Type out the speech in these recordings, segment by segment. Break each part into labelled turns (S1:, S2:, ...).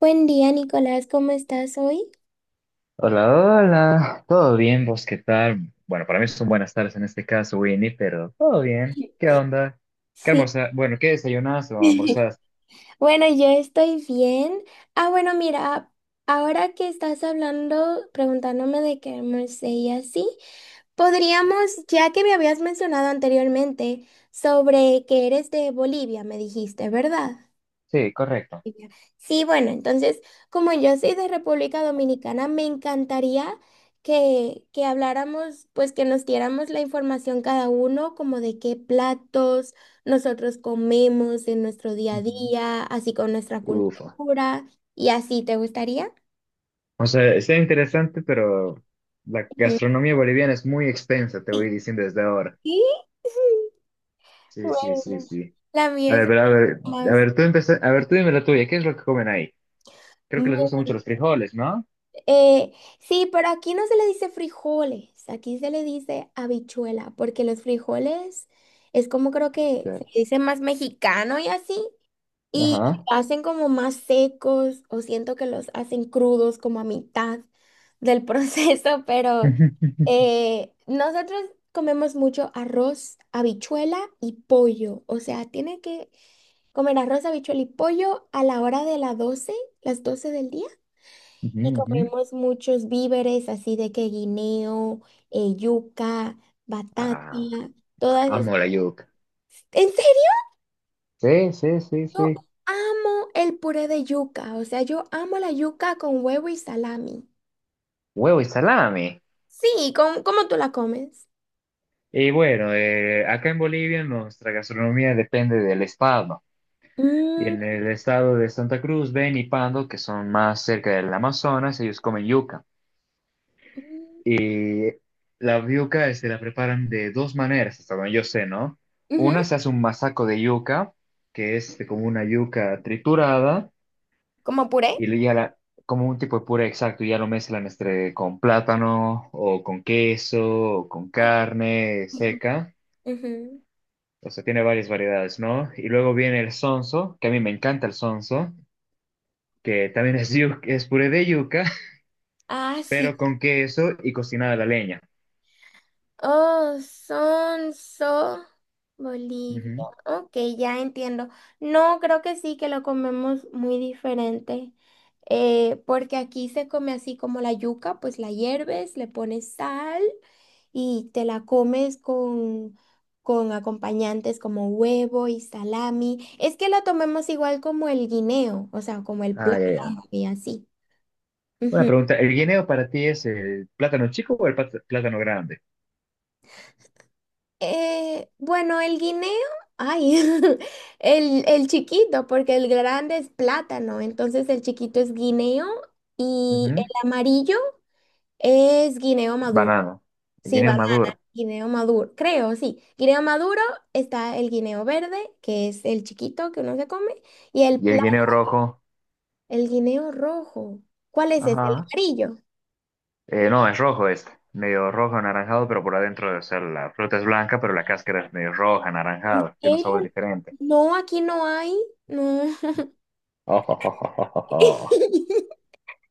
S1: Buen día, Nicolás, ¿cómo estás hoy?
S2: Hola, hola, ¿todo bien? ¿Vos qué tal? Bueno, para mí son buenas tardes en este caso, Winnie, pero todo bien. ¿Qué onda? ¿Qué
S1: Sí.
S2: almorzaste? Bueno, ¿qué desayunaste o almorzaste?
S1: Bueno, yo estoy bien. Ah, bueno, mira, ahora que estás hablando, preguntándome de qué almorcé y así, podríamos, ya que me habías mencionado anteriormente sobre que eres de Bolivia, me dijiste, ¿verdad?
S2: Sí, correcto.
S1: Y yo, Sí, bueno, entonces, como yo soy de República Dominicana, me encantaría que habláramos, pues que nos diéramos la información cada uno, como de qué platos nosotros comemos en nuestro día a
S2: Ujú.
S1: día, así con nuestra
S2: Ufa.
S1: cultura y así, ¿te gustaría?
S2: O sea, está interesante, pero la
S1: Ujú.
S2: gastronomía boliviana es muy extensa, te voy
S1: Sí.
S2: diciendo desde ahora.
S1: Sí.
S2: Sí, sí, sí,
S1: Bueno,
S2: sí.
S1: la
S2: A
S1: mía
S2: ver,
S1: es
S2: pero a ver, a
S1: más,
S2: ver, a ver, tú dime la tuya, ¿qué es lo que comen ahí? Creo que les gustan mucho los frijoles, ¿no?
S1: Eh, sí, pero aquí no se le dice frijoles, aquí se le dice habichuela, porque los frijoles es como creo que se le
S2: Chéveres.
S1: dice más mexicano y así, y
S2: Ajá.
S1: hacen como más secos, o siento que los hacen crudos como a mitad del proceso, pero
S2: Ujú,
S1: nosotros comemos mucho arroz, habichuela y pollo, o sea, tiene que comer arroz, habichuela y pollo a la hora de las 12 del día. Y
S2: ujú.
S1: comemos muchos víveres, así de que guineo, yuca, batata,
S2: Ah,
S1: todas
S2: amo la
S1: esas.
S2: yuca.
S1: En serio,
S2: Sí, sí, sí,
S1: yo
S2: sí.
S1: amo el puré de yuca. O sea, yo amo la yuca con huevo y salami.
S2: Huevo y salami.
S1: Sí, ¿cómo tú la comes?
S2: Y bueno, acá en Bolivia nuestra gastronomía depende del estado. Y en
S1: Mm.
S2: el estado de Santa Cruz, Beni y Pando, que son más cerca del Amazonas, ellos comen yuca.
S1: Mm.
S2: Y la yuca se la preparan de dos maneras, hasta donde yo sé, ¿no?
S1: Ujú.
S2: Una se hace un masaco de yuca, que es como una yuca triturada.
S1: ¿Como puré?
S2: Y le- ya la, como un tipo de puré exacto, ya lo mezclan con plátano o con queso o con
S1: Ok.
S2: carne
S1: Ujú.
S2: seca.
S1: Ujú.
S2: O sea, tiene varias variedades, ¿no? Y luego viene el sonso, que a mí me encanta el sonso, que también es, es puré de yuca,
S1: Ah, sí.
S2: pero con queso y cocinada a la leña.
S1: Oh, Sonso, Bolivia.
S2: Ujú.
S1: Ok, ya entiendo. No, creo que sí, que lo comemos muy diferente. Porque aquí se come así como la yuca, pues la hierves, le pones sal y te la comes con, acompañantes como huevo y salami. Es que la tomemos igual como el guineo, o sea, como el
S2: Ah, ya, ya.
S1: plátano y así.
S2: Una pregunta, ¿el guineo para ti es el plátano chico o el plátano grande?
S1: Bueno, el guineo, ay, el chiquito, porque el grande es plátano, entonces el chiquito es guineo y el
S2: Ujú.
S1: amarillo es guineo maduro.
S2: Banano. El
S1: Sí,
S2: guineo
S1: banana,
S2: maduro.
S1: guineo maduro, creo, sí. Guineo maduro está el guineo verde, que es el chiquito que uno se come, y
S2: Y el guineo rojo.
S1: el guineo rojo. ¿Cuál es ese? El
S2: Ajá.
S1: amarillo.
S2: No, es rojo medio rojo anaranjado, pero por adentro, o sea, la fruta es blanca, pero la cáscara es medio roja,
S1: ¿En
S2: anaranjada, tiene un
S1: serio?
S2: sabor diferente.
S1: No, aquí no hay. No.
S2: Ojo.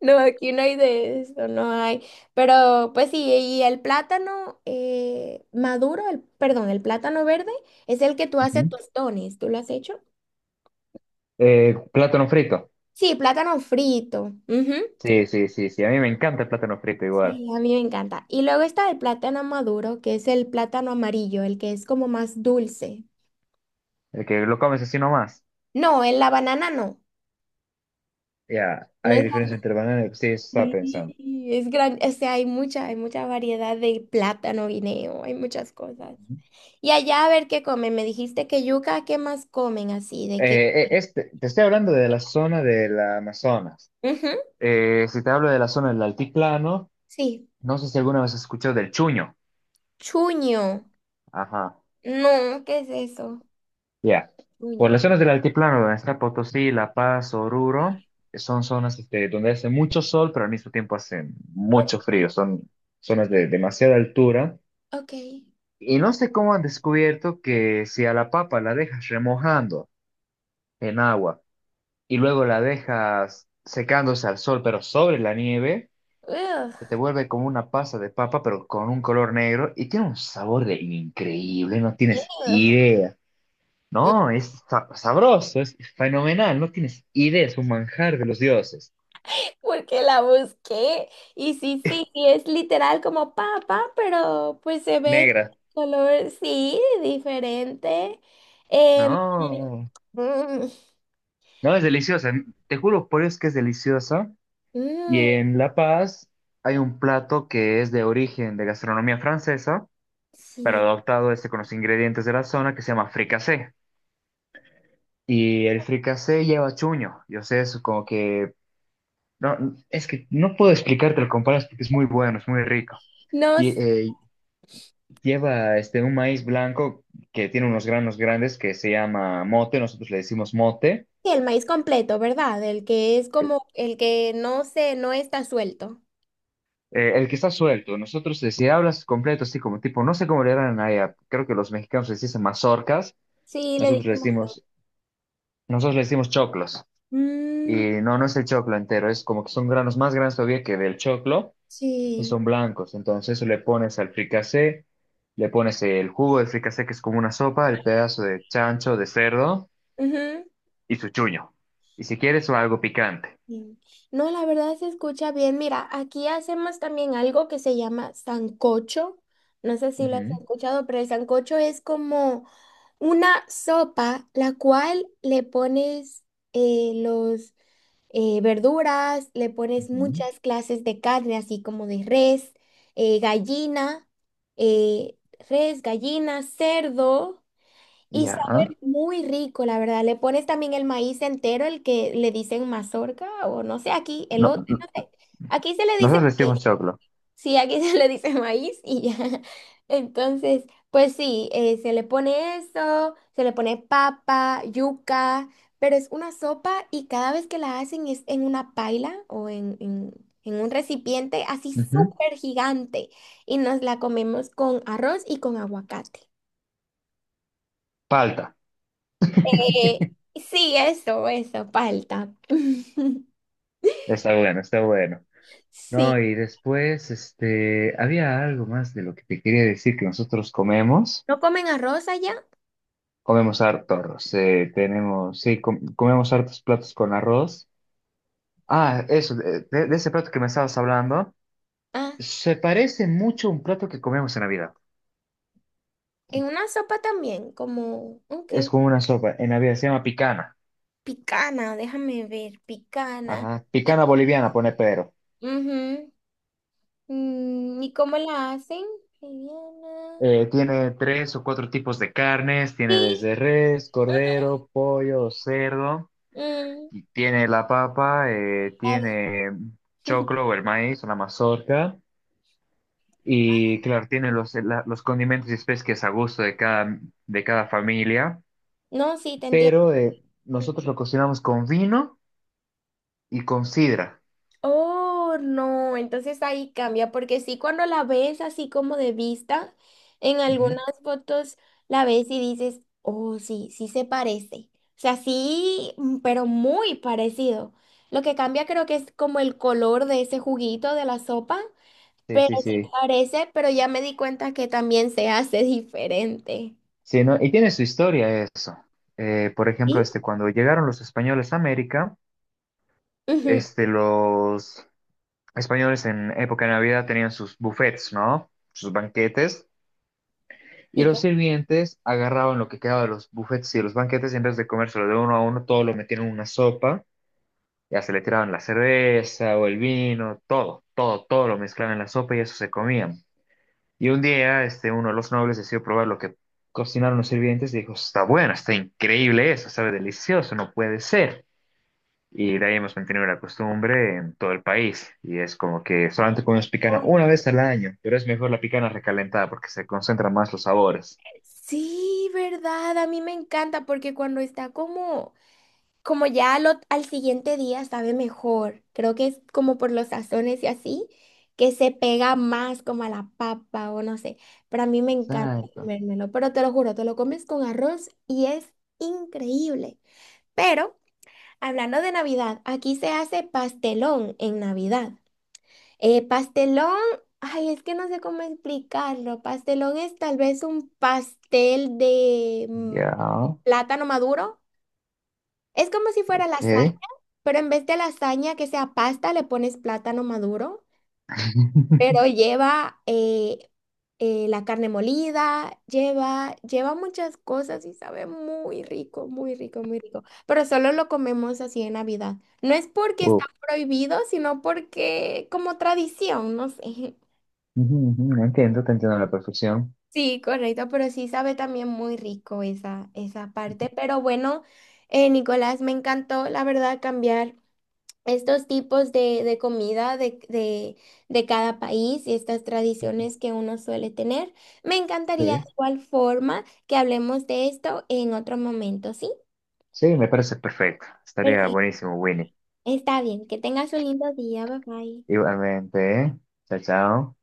S1: No, aquí no hay de eso, no hay. Pero pues sí, y el plátano maduro, el, perdón, el plátano verde es el que tú haces
S2: Ujú.
S1: tostones. ¿Tú lo has hecho?
S2: Plátano frito.
S1: Sí, plátano frito. Ujú.
S2: Sí, sí, sí, sí, a mí me encanta el plátano frito igual.
S1: Sí, a mí me encanta. Y luego está el plátano maduro, que es el plátano amarillo, el que es como más dulce.
S2: El que lo comes así nomás.
S1: No, en la banana no.
S2: Ya,
S1: No
S2: hay
S1: es
S2: diferencia entre banana y... Sí, eso estaba
S1: Sí,
S2: pensando.
S1: es grande, o sea, hay mucha, variedad de plátano, guineo, hay muchas cosas.
S2: Ujú.
S1: Y allá a ver qué comen, me dijiste que yuca, ¿qué más comen así? ¿De qué?
S2: Te estoy hablando de la zona del Amazonas.
S1: Ujú.
S2: Si te hablo de la zona del altiplano,
S1: Sí,
S2: no sé si alguna vez has escuchado del chuño.
S1: chuño.
S2: Ajá.
S1: No, ¿qué es eso?
S2: Ya. Por
S1: Chuño.
S2: las zonas del altiplano, donde está Potosí, La Paz, Oruro, son zonas donde hace mucho sol, pero al mismo tiempo hace
S1: O-
S2: mucho frío. Son zonas de demasiada altura.
S1: Ok.
S2: Y no sé cómo han descubierto que si a la papa la dejas remojando en agua y luego la dejas secándose al sol, pero sobre la nieve,
S1: Ugh,
S2: se te vuelve como una pasa de papa, pero con un color negro y tiene un sabor de increíble, no tienes
S1: ugh.
S2: idea.
S1: Mm,
S2: No, es sabroso, es fenomenal, no tienes idea, es un manjar de los dioses.
S1: Porque la busqué. Y sí, sí, sí, es literal como papa, pero pues se ve el
S2: Negra.
S1: color, sí, diferente. Em,
S2: No,
S1: Mm.
S2: no, es deliciosa. Te juro por Dios que es deliciosa. Y
S1: Mm,
S2: en La Paz hay un plato que es de origen de gastronomía francesa, pero
S1: sí.
S2: adoptado con los ingredientes de la zona que se llama fricasé. Y el fricasé lleva chuño. Yo sé, es como que... No, es que no puedo explicarte lo comparas porque es muy bueno, es muy rico.
S1: No
S2: Y,
S1: sé,
S2: eh, Lleva un maíz blanco que tiene unos granos grandes que se llama mote, nosotros le decimos mote.
S1: el maíz completo, ¿verdad? El que es como el que no está suelto.
S2: El que está suelto, nosotros, si hablas completo, así como tipo, no sé cómo le harán allá, creo que los mexicanos les dicen mazorcas,
S1: Sí, le
S2: nosotros
S1: dije
S2: le
S1: mejor.
S2: decimos, nosotros le decimos choclos. Y
S1: Mm,
S2: no, no es el choclo entero, es como que son granos más grandes todavía que del choclo y
S1: sí.
S2: son blancos. Entonces eso le pones al fricasé, le pones el jugo del fricasé que es como una sopa, el pedazo de chancho, de cerdo
S1: Ujú.
S2: y su chuño. Y si quieres o algo picante.
S1: Sí. No, la verdad se escucha bien. Mira, aquí hacemos también algo que se llama sancocho. No sé si lo has
S2: Ujú,
S1: escuchado, pero el sancocho es como una sopa, la cual le pones los verduras, le pones
S2: ujú.
S1: muchas clases de carne, así como de res, gallina, eh, res, gallina, cerdo, y
S2: Ya. Ah,
S1: sabe muy rico, la verdad. Le pones también el maíz entero, el que le dicen mazorca, o no sé, aquí, el
S2: No,
S1: otro,
S2: no-
S1: no sé. Aquí se le dice
S2: nosotros vestimos choclo.
S1: Sí, aquí se le dice maíz y ya. Entonces, pues sí, se le pone eso, se le pone papa, yuca, pero es una sopa y cada vez que la hacen es en una paila o en un recipiente así
S2: Ujú.
S1: súper gigante y nos la comemos con arroz y con aguacate.
S2: Palta.
S1: Eh, sí, eso, palta.
S2: Está bueno, está bueno. No,
S1: Sí.
S2: y después, había algo más de lo que te quería decir que nosotros comemos.
S1: ¿No comen arroz allá?
S2: Comemos hartos, comemos hartos platos con arroz. Ah, eso, de ese plato que me estabas hablando.
S1: Ah,
S2: Se parece mucho a un plato que comemos en Navidad.
S1: en una sopa también, como, ok.
S2: Es como una sopa, en Navidad se llama picana.
S1: Picana, déjame ver, picana.
S2: Ajá.
S1: Y,
S2: Picana boliviana, pone Pedro.
S1: Ujú. ¿Y cómo la hacen? Liviana.
S2: Tiene tres o cuatro tipos de carnes, tiene
S1: Sí.
S2: desde res, cordero, pollo, cerdo,
S1: mm,
S2: y tiene la papa,
S1: a ver.
S2: tiene choclo o el maíz, una mazorca, y claro, tiene los condimentos y especias que es a gusto de de cada familia,
S1: No, sí, te entiendo.
S2: pero nosotros lo cocinamos con vino y con sidra.
S1: Oh, no, entonces ahí cambia, porque sí, cuando la ves así como de vista, en
S2: Ujú.
S1: algunas fotos la ves y dices, oh, sí, sí se parece. O sea, sí, pero muy parecido. Lo que cambia creo que es como el color de ese juguito de la sopa.
S2: Sí,
S1: Pero
S2: sí,
S1: sí
S2: sí.
S1: parece, pero ya me di cuenta que también se hace diferente.
S2: Sí, ¿no? Y tiene su historia eso. Por ejemplo,
S1: ¿Sí?
S2: cuando llegaron los españoles a América,
S1: Ujú.
S2: los españoles en época de Navidad tenían sus buffets, ¿no? Sus banquetes. Y
S1: Sí,
S2: los sirvientes agarraban lo que quedaba de los buffets y de los banquetes y en vez de comérselo de uno a uno, todo lo metían en una sopa. Ya se le tiraban la cerveza o el vino, todo, todo, todo lo mezclaban en la sopa y eso se comían. Y un día, uno de los nobles decidió probar lo que cocinaron los sirvientes y dijo, está bueno, está increíble eso, sabe delicioso, no puede ser. Y de ahí hemos mantenido la costumbre en todo el país. Y es como que solamente comemos picana
S1: como-
S2: una vez al año, pero es mejor la picana recalentada porque se concentran más los sabores.
S1: sí, verdad, a mí me encanta porque cuando está como ya al siguiente día sabe mejor. Creo que es como por los sazones y así, que se pega más como a la papa o no sé. Pero a mí me encanta
S2: Exacto.
S1: comérmelo, pero te lo juro, te lo comes con arroz y es increíble. Pero hablando de Navidad, aquí se hace pastelón en Navidad. Pastelón, ay, es que no sé cómo explicarlo. Pastelón es tal vez un pastel de
S2: Ya,
S1: plátano maduro. Es como si fuera lasaña,
S2: ok.
S1: pero en vez de lasaña que sea pasta, le pones plátano maduro, pero lleva la carne molida, lleva muchas cosas y sabe muy rico, muy rico, muy rico. Pero solo lo comemos así en Navidad. No es porque
S2: Uh,
S1: está prohibido, sino porque como tradición, no sé.
S2: ujú, ujú, no entiendo, te entiendo a la perfección.
S1: Sí, correcto, pero sí sabe también muy rico esa parte. Pero bueno, Nicolás, me encantó, la verdad, cambiar estos tipos de comida de cada país y estas tradiciones que uno suele tener. Me encantaría
S2: Sí.
S1: de igual forma que hablemos de esto en otro momento, ¿sí?
S2: Sí, me parece perfecto. Estaría
S1: Perfecto,
S2: buenísimo, Winnie.
S1: está bien, que tengas un lindo día, bye bye.
S2: Igualmente, ¿eh? Chao, chao.